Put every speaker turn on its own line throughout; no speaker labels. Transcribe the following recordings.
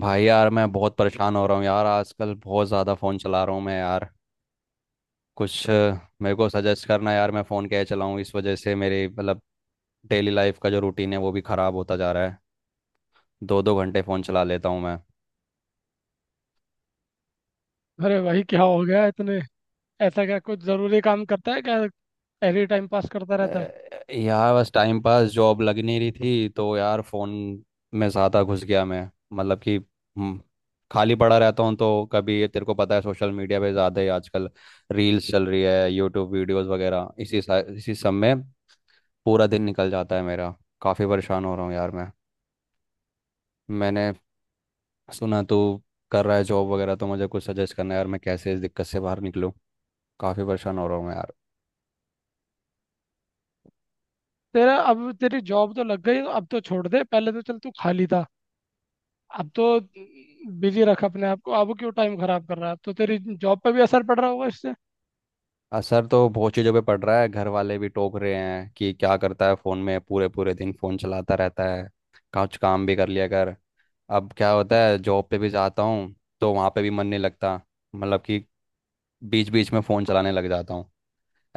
भाई यार मैं बहुत परेशान हो रहा हूँ यार। आजकल बहुत ज़्यादा फ़ोन चला रहा हूँ मैं यार। कुछ मेरे को सजेस्ट करना यार मैं फ़ोन कैसे चलाऊँ। इस वजह से मेरे मतलब डेली लाइफ का जो रूटीन है वो भी ख़राब होता जा रहा है। दो दो घंटे फ़ोन चला लेता हूँ मैं।
अरे भाई, क्या हो गया इतने? ऐसा क्या कुछ जरूरी काम करता है क्या? एनी टाइम पास करता रहता है?
यार बस टाइम पास जॉब लग नहीं रही थी तो यार फ़ोन में ज़्यादा घुस गया मैं। मतलब कि खाली पड़ा रहता हूँ तो कभी ये तेरे को पता है सोशल मीडिया पे ज़्यादा ही आजकल रील्स चल रही है। यूट्यूब वीडियोस वगैरह इसी सब में पूरा दिन निकल जाता है मेरा। काफ़ी परेशान हो रहा हूँ यार मैं। मैंने सुना तू कर रहा है जॉब वगैरह, तो मुझे कुछ सजेस्ट करना है यार मैं कैसे इस दिक्कत से बाहर निकलूँ। काफ़ी परेशान हो रहा हूँ मैं यार।
तेरा अब तेरी जॉब तो लग गई। अब तो छोड़ दे। पहले तो चल तू खाली था, अब तो बिजी रख अपने आप को। अब क्यों टाइम खराब कर रहा है? अब तो तेरी जॉब पे भी असर पड़ रहा होगा इससे।
असर तो बहुत चीज़ों पे पड़ रहा है। घर वाले भी टोक रहे हैं कि क्या करता है फ़ोन में, पूरे पूरे दिन फ़ोन चलाता रहता है, कुछ काम भी कर लिया कर। अब क्या होता है, जॉब पे भी जाता हूँ तो वहाँ पे भी मन नहीं लगता। मतलब कि बीच बीच में फ़ोन चलाने लग जाता हूँ,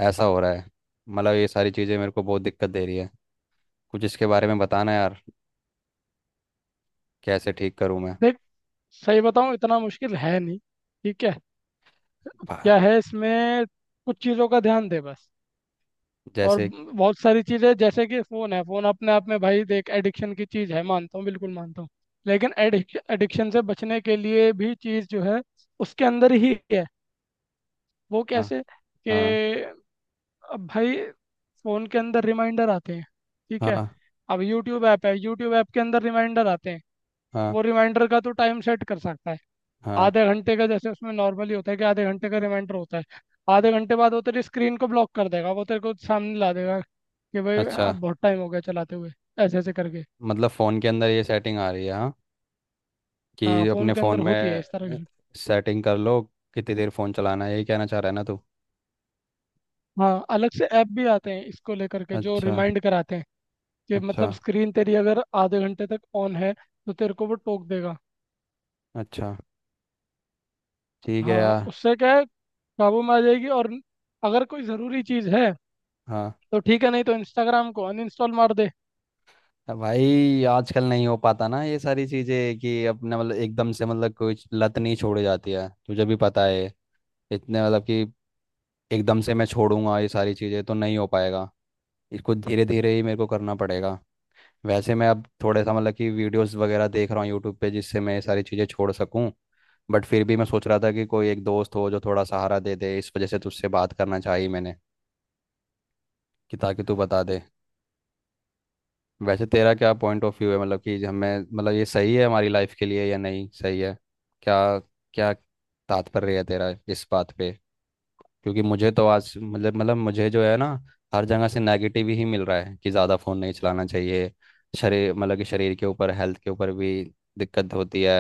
ऐसा हो रहा है। मतलब ये सारी चीज़ें मेरे को बहुत दिक्कत दे रही है। कुछ इसके बारे में बताना यार, कैसे ठीक करूं मैं।
देख, सही बताऊं, इतना मुश्किल है नहीं, ठीक है?
भा-
क्या है इसमें, कुछ चीज़ों का ध्यान दे बस। और
जैसे।
बहुत सारी चीज़ें, जैसे कि फ़ोन है। फ़ोन अपने आप में, भाई देख, एडिक्शन की चीज़ है, मानता हूँ, बिल्कुल मानता हूँ, लेकिन एडिक्शन से बचने के लिए भी चीज़ जो है उसके अंदर ही है। वो
हाँ।
कैसे
हाँ।
कि अब भाई, फ़ोन के अंदर रिमाइंडर आते हैं, ठीक है।
हाँ।
अब यूट्यूब ऐप है, यूट्यूब ऐप के अंदर रिमाइंडर आते हैं।
हाँ।
वो रिमाइंडर का तो टाइम सेट कर सकता है
हाँ।
आधे घंटे का, जैसे उसमें नॉर्मली होता है कि आधे घंटे का रिमाइंडर होता है। आधे घंटे बाद वो तेरी स्क्रीन को ब्लॉक कर देगा, वो तेरे को सामने ला देगा कि भाई
अच्छा,
अब बहुत टाइम हो गया चलाते हुए, ऐसे ऐसे करके।
मतलब फ़ोन के अंदर ये सेटिंग आ रही है। हाँ,
हाँ,
कि
फ़ोन
अपने
के
फ़ोन
अंदर होती है
में
इस तरह की।
सेटिंग कर लो कितनी देर फ़ोन चलाना है, यही कहना चाह रहा है ना तू।
हाँ, अलग से ऐप भी आते हैं इसको लेकर के, जो
अच्छा।
रिमाइंड कराते हैं कि
अच्छा।
मतलब स्क्रीन तेरी अगर आधे घंटे तक ऑन है तो तेरे को वो टोक देगा।
अच्छा। ठीक है
हाँ,
यार।
उससे क्या है, काबू में आ जाएगी। और अगर कोई ज़रूरी चीज़ है
हाँ।
तो ठीक है, नहीं तो इंस्टाग्राम को अनइंस्टॉल मार दे।
भाई आजकल नहीं हो पाता ना ये सारी चीज़ें कि अपने मतलब एकदम से, मतलब कोई लत नहीं छोड़ी जाती है तुझे भी पता है इतने, मतलब कि एकदम से मैं छोड़ूंगा ये सारी चीज़ें तो नहीं हो पाएगा। इसको धीरे धीरे ही मेरे को करना पड़ेगा। वैसे मैं अब थोड़ा सा मतलब कि वीडियोस वगैरह देख रहा हूँ यूट्यूब पे, जिससे मैं ये सारी चीज़ें छोड़ सकूँ। बट फिर भी मैं सोच रहा था कि कोई एक दोस्त हो जो थोड़ा सहारा दे दे, इस वजह से तुझसे बात करना चाहिए मैंने, कि ताकि तू बता दे। वैसे तेरा क्या पॉइंट ऑफ व्यू है, मतलब कि हमें, मतलब ये सही है हमारी लाइफ के लिए या नहीं सही है। क्या, क्या तात्पर्य है तेरा इस बात पे। क्योंकि मुझे तो आज मतलब मुझे जो है ना, हर जगह से नेगेटिव ही मिल रहा है कि ज़्यादा फ़ोन नहीं चलाना चाहिए। शरीर, मतलब कि शरीर के ऊपर, हेल्थ के ऊपर भी दिक्कत होती है,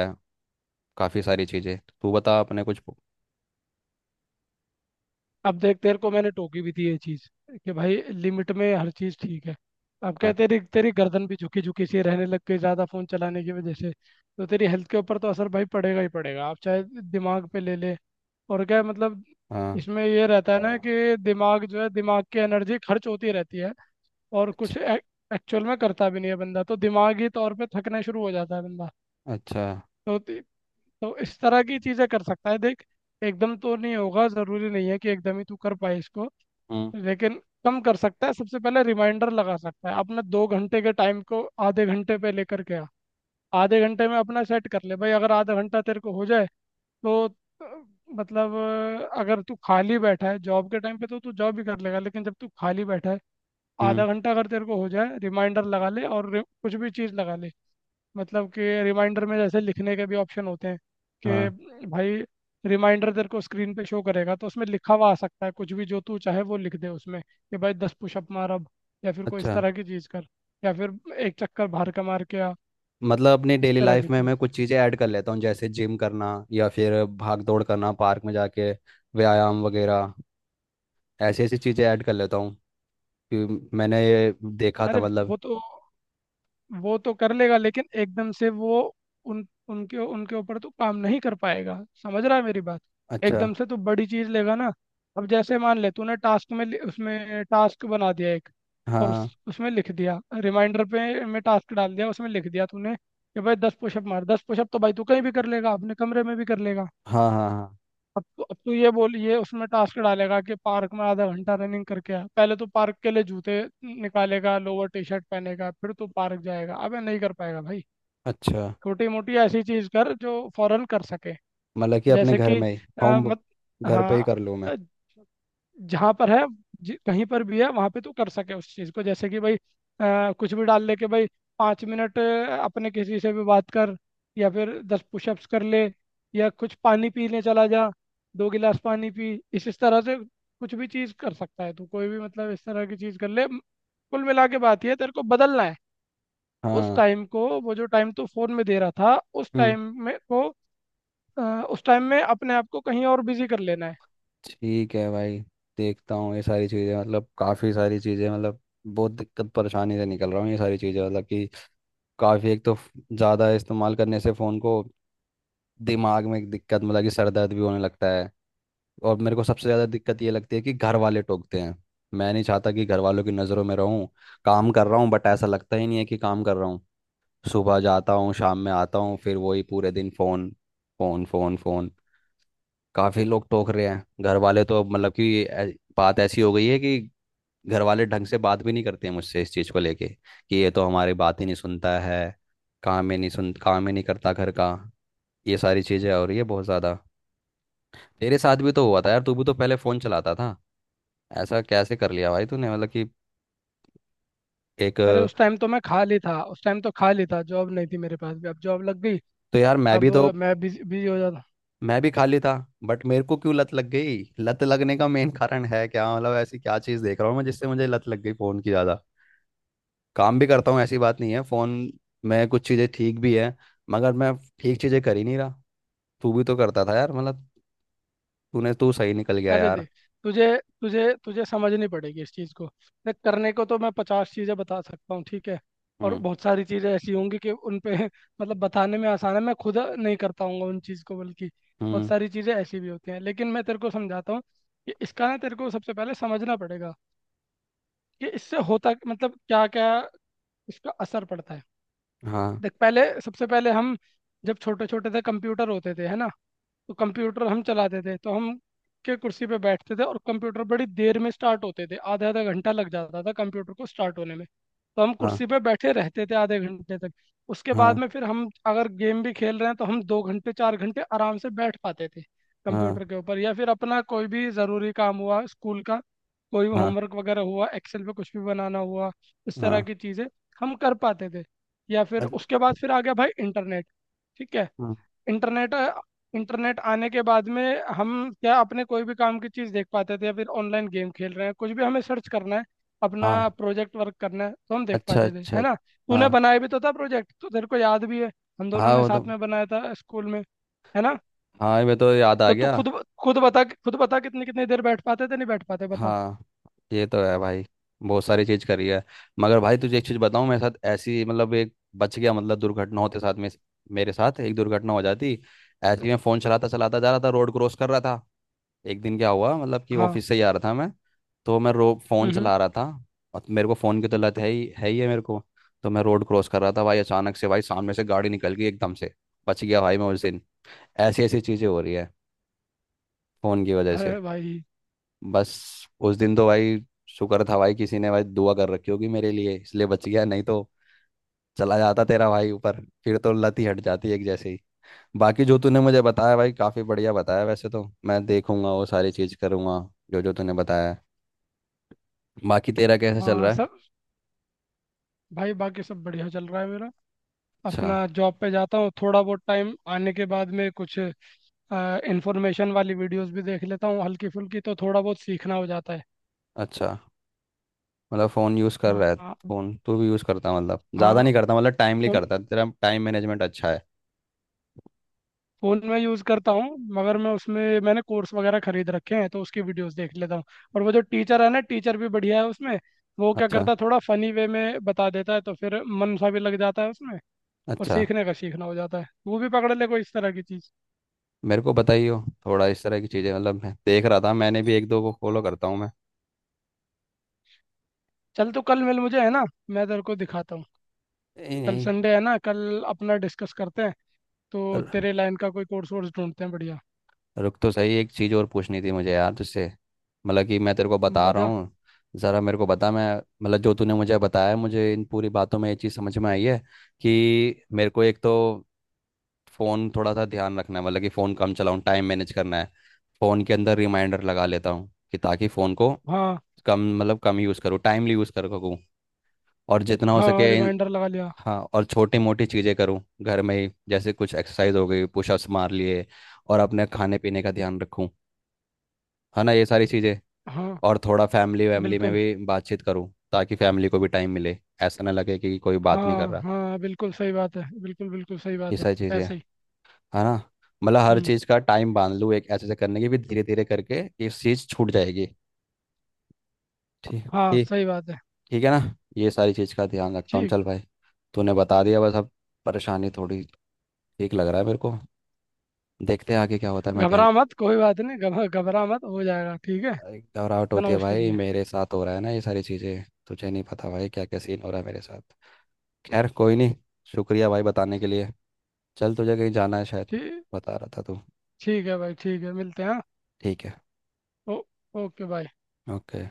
काफ़ी सारी चीज़ें। तू बता अपने कुछ।
अब देख, तेरे को मैंने टोकी भी थी ये चीज, कि भाई लिमिट में हर चीज ठीक है। अब क्या
हाँ।
है, तेरी तेरी गर्दन भी झुकी झुकी सी रहने लग गई ज्यादा फोन चलाने की वजह से, तो तेरी हेल्थ के ऊपर तो असर भाई पड़ेगा ही पड़ेगा, आप चाहे दिमाग पे ले ले। और क्या है, मतलब
हाँ।
इसमें ये रहता है ना कि दिमाग जो है, दिमाग की एनर्जी खर्च होती रहती है और
अच्छा।
कुछ एक्चुअल में करता भी नहीं है बंदा, तो दिमागी तौर पे थकना शुरू हो जाता है बंदा।
अच्छा।
तो ती- तो इस तरह की चीज़ें कर सकता है, देख। एकदम तो नहीं होगा, ज़रूरी नहीं है कि एकदम ही तू कर पाए इसको,
हम्म।
लेकिन कम कर सकता है। सबसे पहले रिमाइंडर लगा सकता है अपने 2 घंटे के टाइम को आधे घंटे पे लेकर के आ। आधे घंटे में अपना सेट कर ले भाई, अगर आधा घंटा तेरे को हो जाए तो अ, मतलब अगर तू खाली बैठा है जॉब के टाइम पे तो तू जॉब भी कर लेगा, लेकिन जब तू खाली बैठा है,
हम्म।
आधा घंटा अगर तेरे को हो जाए, रिमाइंडर लगा ले और कुछ भी चीज़ लगा ले। मतलब कि रिमाइंडर में जैसे लिखने के भी ऑप्शन होते हैं
हाँ।
कि भाई, रिमाइंडर तेरे को स्क्रीन पे शो करेगा, तो उसमें लिखा हुआ आ सकता है, कुछ भी जो तू चाहे वो लिख दे उसमें, कि भाई 10 पुशअप मार अब, या फिर कोई इस
अच्छा,
तरह की चीज़ कर, या फिर एक चक्कर बाहर का मार के आ,
मतलब अपनी
इस
डेली
तरह की
लाइफ में
चीज़।
मैं कुछ चीज़ें ऐड कर लेता हूँ जैसे जिम करना, या फिर भाग दौड़ करना, पार्क में जाके व्यायाम वगैरह। ऐसी ऐसी चीज़ें ऐड कर लेता हूँ कि मैंने ये देखा था
अरे,
मतलब।
वो तो वो तो कर लेगा, लेकिन एकदम से वो उन उनके उनके ऊपर तो काम नहीं कर पाएगा। समझ रहा है मेरी बात?
अच्छा।
एकदम से तो बड़ी चीज लेगा ना। अब जैसे मान ले तूने टास्क में उसमें टास्क बना दिया एक, और
हाँ।
उसमें लिख दिया, रिमाइंडर पे में टास्क डाल दिया, उसमें लिख दिया तूने कि भाई दस पुशअप मार। दस पुशअप तो भाई तू कहीं भी कर लेगा, अपने कमरे में भी कर लेगा।
हाँ। हाँ। हाँ।
अब तो ये बोलिए उसमें टास्क डालेगा कि पार्क में आधा घंटा रनिंग करके आ, पहले तो पार्क के लिए जूते निकालेगा, लोअर टी शर्ट पहनेगा, फिर तो पार्क जाएगा। अबे नहीं कर पाएगा भाई।
अच्छा,
छोटी मोटी ऐसी चीज कर जो फौरन कर सके,
मतलब कि अपने
जैसे
घर
कि
में ही
अ,
होम,
मत
घर पे ही
हाँ,
कर लूँ मैं।
जहाँ पर है, कहीं पर भी है वहाँ पे तू कर सके उस चीज़ को। जैसे कि भाई कुछ भी डाल ले के भाई, 5 मिनट अपने किसी से भी बात कर, या फिर 10 पुशअप्स कर ले, या कुछ पानी पीने चला जा, 2 गिलास पानी पी। इस तरह से कुछ भी चीज़ कर सकता है तू, कोई भी, मतलब इस तरह की चीज़ कर ले। कुल मिला के बात ये है, तेरे को बदलना है उस
हाँ।
टाइम को, वो जो टाइम तू फोन में दे रहा था, उस
हम्म।
टाइम में को अ, उस टाइम में अपने आप को कहीं और बिजी कर लेना है।
ठीक है भाई, देखता हूँ ये सारी चीज़ें। मतलब काफ़ी सारी चीज़ें, मतलब बहुत दिक्कत परेशानी से निकल रहा हूँ, ये सारी चीज़ें। मतलब कि काफ़ी, एक तो ज़्यादा इस्तेमाल करने से फ़ोन को दिमाग में एक दिक्कत, मतलब कि सर दर्द भी होने लगता है। और मेरे को सबसे ज़्यादा दिक्कत ये लगती है कि घर वाले टोकते हैं। मैं नहीं चाहता कि घर वालों की नज़रों में रहूँ। काम कर रहा हूँ बट ऐसा लगता ही नहीं है कि काम कर रहा हूँ। सुबह जाता हूँ, शाम में आता हूँ, फिर वही पूरे दिन फ़ोन फ़ोन फ़ोन फ़ोन। काफ़ी लोग टोक रहे हैं, घर वाले तो, मतलब कि बात ऐसी हो गई है कि घर वाले ढंग से बात भी नहीं करते हैं मुझसे इस चीज़ को लेके, कि ये तो हमारी बात ही नहीं सुनता है, काम ही नहीं सुन, काम ही नहीं करता घर का। ये सारी चीज़ें हो रही है बहुत ज़्यादा। तेरे साथ भी तो हुआ था यार, तू भी तो पहले फ़ोन चलाता था, ऐसा कैसे कर लिया भाई तूने, मतलब कि एक
अरे, उस टाइम तो मैं खाली था, उस टाइम तो खाली था, जॉब नहीं थी मेरे पास भी। अब जॉब लग गई,
तो। यार मैं
अब
भी तो,
मैं बिजी बिजी हो जाता।
मैं भी खाली था। बट मेरे को क्यों लत लग गई, लत लगने का मेन कारण है क्या, मतलब ऐसी क्या चीज़ देख रहा हूँ मैं जिससे मुझे लत लग गई फ़ोन की ज़्यादा। काम भी करता हूँ, ऐसी बात नहीं है। फ़ोन में कुछ चीज़ें ठीक भी है, मगर मैं ठीक चीज़ें कर ही नहीं रहा। तू भी तो करता था यार, मतलब तूने, तू सही निकल गया
अरे
यार।
देख, तुझे तुझे तुझे समझनी पड़ेगी इस चीज़ को। देख, करने को तो मैं 50 चीज़ें बता सकता हूँ, ठीक है। और
हम्म।
बहुत सारी चीज़ें ऐसी होंगी कि उन पे मतलब बताने में आसान है, मैं खुद नहीं कर पाऊंगा उन चीज़ को, बल्कि बहुत
हम्म।
सारी चीज़ें ऐसी भी होती हैं। लेकिन मैं तेरे को समझाता हूँ, कि इसका ना तेरे को सबसे पहले समझना पड़ेगा कि इससे होता मतलब क्या क्या इसका असर पड़ता है।
हाँ।
देख, पहले सबसे पहले हम जब छोटे छोटे थे, कंप्यूटर होते थे, है ना। तो कंप्यूटर हम चलाते थे, तो हम के कुर्सी पे बैठते थे, और कंप्यूटर बड़ी देर में स्टार्ट होते थे, आधा आधा घंटा लग जाता था कंप्यूटर को स्टार्ट होने में। तो हम
हाँ।
कुर्सी पे बैठे रहते थे आधे घंटे तक। उसके बाद
हाँ।
में फिर हम अगर गेम भी खेल रहे हैं तो हम 2 घंटे 4 घंटे आराम से बैठ पाते थे
हाँ।
कंप्यूटर के ऊपर, या फिर अपना कोई भी ज़रूरी काम हुआ स्कूल का, कोई
हाँ।
होमवर्क वगैरह हुआ, एक्सेल पे कुछ भी बनाना हुआ, इस तरह
हाँ।
की चीज़ें हम कर पाते थे। या फिर
अच्छा।
उसके बाद फिर आ गया भाई इंटरनेट, ठीक है।
हाँ।
इंटरनेट इंटरनेट आने के बाद में हम क्या अपने कोई भी काम की चीज़ देख पाते थे, या फिर ऑनलाइन गेम खेल रहे हैं, कुछ भी हमें सर्च करना है अपना
हाँ।
प्रोजेक्ट वर्क करना है, तो हम देख
अच्छा।
पाते थे, है
अच्छा।
ना। तूने
हाँ।
बनाया भी तो था प्रोजेक्ट, तो तेरे को याद भी है। हम दोनों
हाँ
ने
वो तो।
साथ में बनाया था स्कूल में, है ना।
हाँ मैं तो याद आ
तो तू
गया।
खुद खुद बता कितनी कितनी देर बैठ पाते थे, नहीं बैठ पाते, बता।
हाँ, ये तो है भाई, बहुत सारी चीज करी है। मगर भाई तुझे एक चीज बताऊं, मेरे साथ ऐसी मतलब, एक बच गया, मतलब दुर्घटना होते साथ में, मेरे साथ एक दुर्घटना हो जाती। ऐसे ही मैं फोन चलाता चलाता जा रहा था, रोड क्रॉस कर रहा था। एक दिन क्या हुआ, मतलब कि
हाँ।
ऑफिस से ही आ रहा था मैं। तो मैं रो फोन
हम्म हम्म।
चला रहा था। और मेरे को फोन की तो लत है, ही है, ही है मेरे को। तो मैं रोड क्रॉस कर रहा था भाई, अचानक से भाई सामने से गाड़ी निकल गई एकदम से। बच गया भाई मैं उस दिन। ऐसी ऐसी चीजें हो रही है फोन की वजह से।
अरे भाई,
बस उस दिन तो भाई, शुक्र था भाई, किसी ने भाई दुआ कर रखी होगी मेरे लिए इसलिए बच गया, नहीं तो चला जाता तेरा भाई ऊपर, फिर तो लत ही हट जाती एक जैसे ही। बाकी जो तूने मुझे बताया भाई, काफ़ी बढ़िया बताया, वैसे तो मैं देखूंगा वो सारी चीज़ करूंगा जो जो तूने बताया है। बाकी तेरा कैसा चल
हाँ
रहा है।
सब, भाई बाकी सब बढ़िया चल रहा है मेरा।
अच्छा।
अपना जॉब पे जाता हूँ, थोड़ा बहुत टाइम आने के बाद में कुछ इंफॉर्मेशन वाली वीडियोस भी देख लेता हूँ हल्की फुल्की, तो थोड़ा बहुत सीखना हो जाता है।
अच्छा, मतलब फ़ोन यूज़ कर
हाँ
रहा है,
हाँ
फ़ोन तू भी यूज़ करता है, मतलब ज़्यादा
हाँ,
नहीं करता, मतलब टाइमली
फोन
करता है, तेरा टाइम मैनेजमेंट अच्छा है।
फोन में यूज़ करता हूँ। मगर मैं उसमें मैंने कोर्स वगैरह खरीद रखे हैं तो उसकी वीडियोस देख लेता हूँ। और वो जो टीचर है ना, टीचर भी बढ़िया है उसमें। वो क्या
अच्छा।
करता है, थोड़ा फनी वे में बता देता है, तो फिर मन सा भी लग जाता है उसमें, और
अच्छा।
सीखने का सीखना हो जाता है। वो भी पकड़ ले कोई इस तरह की चीज़।
मेरे को बताइए थोड़ा इस तरह की चीज़ें। मतलब मैं देख रहा था, मैंने भी एक दो को फॉलो करता हूँ मैं।
चल, तो कल मिल मुझे, है ना। मैं तेरे को दिखाता हूँ।
नहीं
कल
नहीं,
संडे है ना, कल अपना डिस्कस करते हैं, तो
रु-
तेरे लाइन का कोई कोर्स वोर्स ढूंढते हैं बढ़िया।
रुक तो सही, एक चीज़ और पूछनी थी मुझे यार तुझसे। मतलब कि मैं तेरे को बता रहा
बता।
हूँ, ज़रा मेरे को बता मैं। मतलब जो तूने मुझे बताया, मुझे इन पूरी बातों में ये चीज़ समझ में आई है कि मेरे को एक तो फ़ोन थोड़ा सा ध्यान रखना है, मतलब कि फ़ोन कम चलाऊँ, टाइम मैनेज करना है। फ़ोन के अंदर रिमाइंडर लगा लेता हूँ कि ताकि फ़ोन को
हाँ
कम, मतलब कम यूज़ करूँ, टाइमली यूज़ कर सकूँ, और जितना हो सके।
हाँ, रिमाइंडर लगा लिया।
हाँ, और छोटी मोटी चीज़ें करूँ घर में ही, जैसे कुछ एक्सरसाइज हो गई, पुशअप्स मार लिए, और अपने खाने पीने का ध्यान रखूँ। है ना ये सारी चीज़ें।
हाँ
और थोड़ा फैमिली वैमिली में
बिल्कुल।
भी बातचीत करूँ, ताकि फैमिली को भी टाइम मिले, ऐसा ना लगे कि कोई बात नहीं कर
हाँ
रहा।
हाँ, बिल्कुल सही बात है, बिल्कुल बिल्कुल सही
ये
बात है।
सारी चीज़ें,
ऐसे ही।
है ना। मतलब हर
हम्म।
चीज़ का टाइम बांध लूँ एक, ऐसे से करने की भी धीरे धीरे करके ये चीज़ छूट जाएगी। ठीक,
हाँ,
ठीक।
सही बात है।
ठीक है ना। ये सारी चीज़ का ध्यान रखता हूँ।
ठीक।
चल भाई, तूने बता दिया, बस अब परेशानी थोड़ी ठीक लग रहा है मेरे को। देखते हैं आगे क्या होता है, मैं
घबरा
ध्यान।
मत, कोई बात नहीं, घबरा घबरा मत हो जाएगा, ठीक है।
भाई, घबराहट
इतना
होती है
मुश्किल नहीं
भाई,
है।
मेरे साथ हो रहा है ना ये सारी चीज़ें, तुझे नहीं पता भाई क्या क्या सीन हो रहा है मेरे साथ। खैर कोई नहीं, शुक्रिया भाई बताने के लिए। चल तुझे कहीं जाना है शायद,
ठीक।
बता रहा था तू।
ठीक है भाई, ठीक है, मिलते हैं, हाँ।
ठीक है।
ओ- ओके, बाय।
ओके।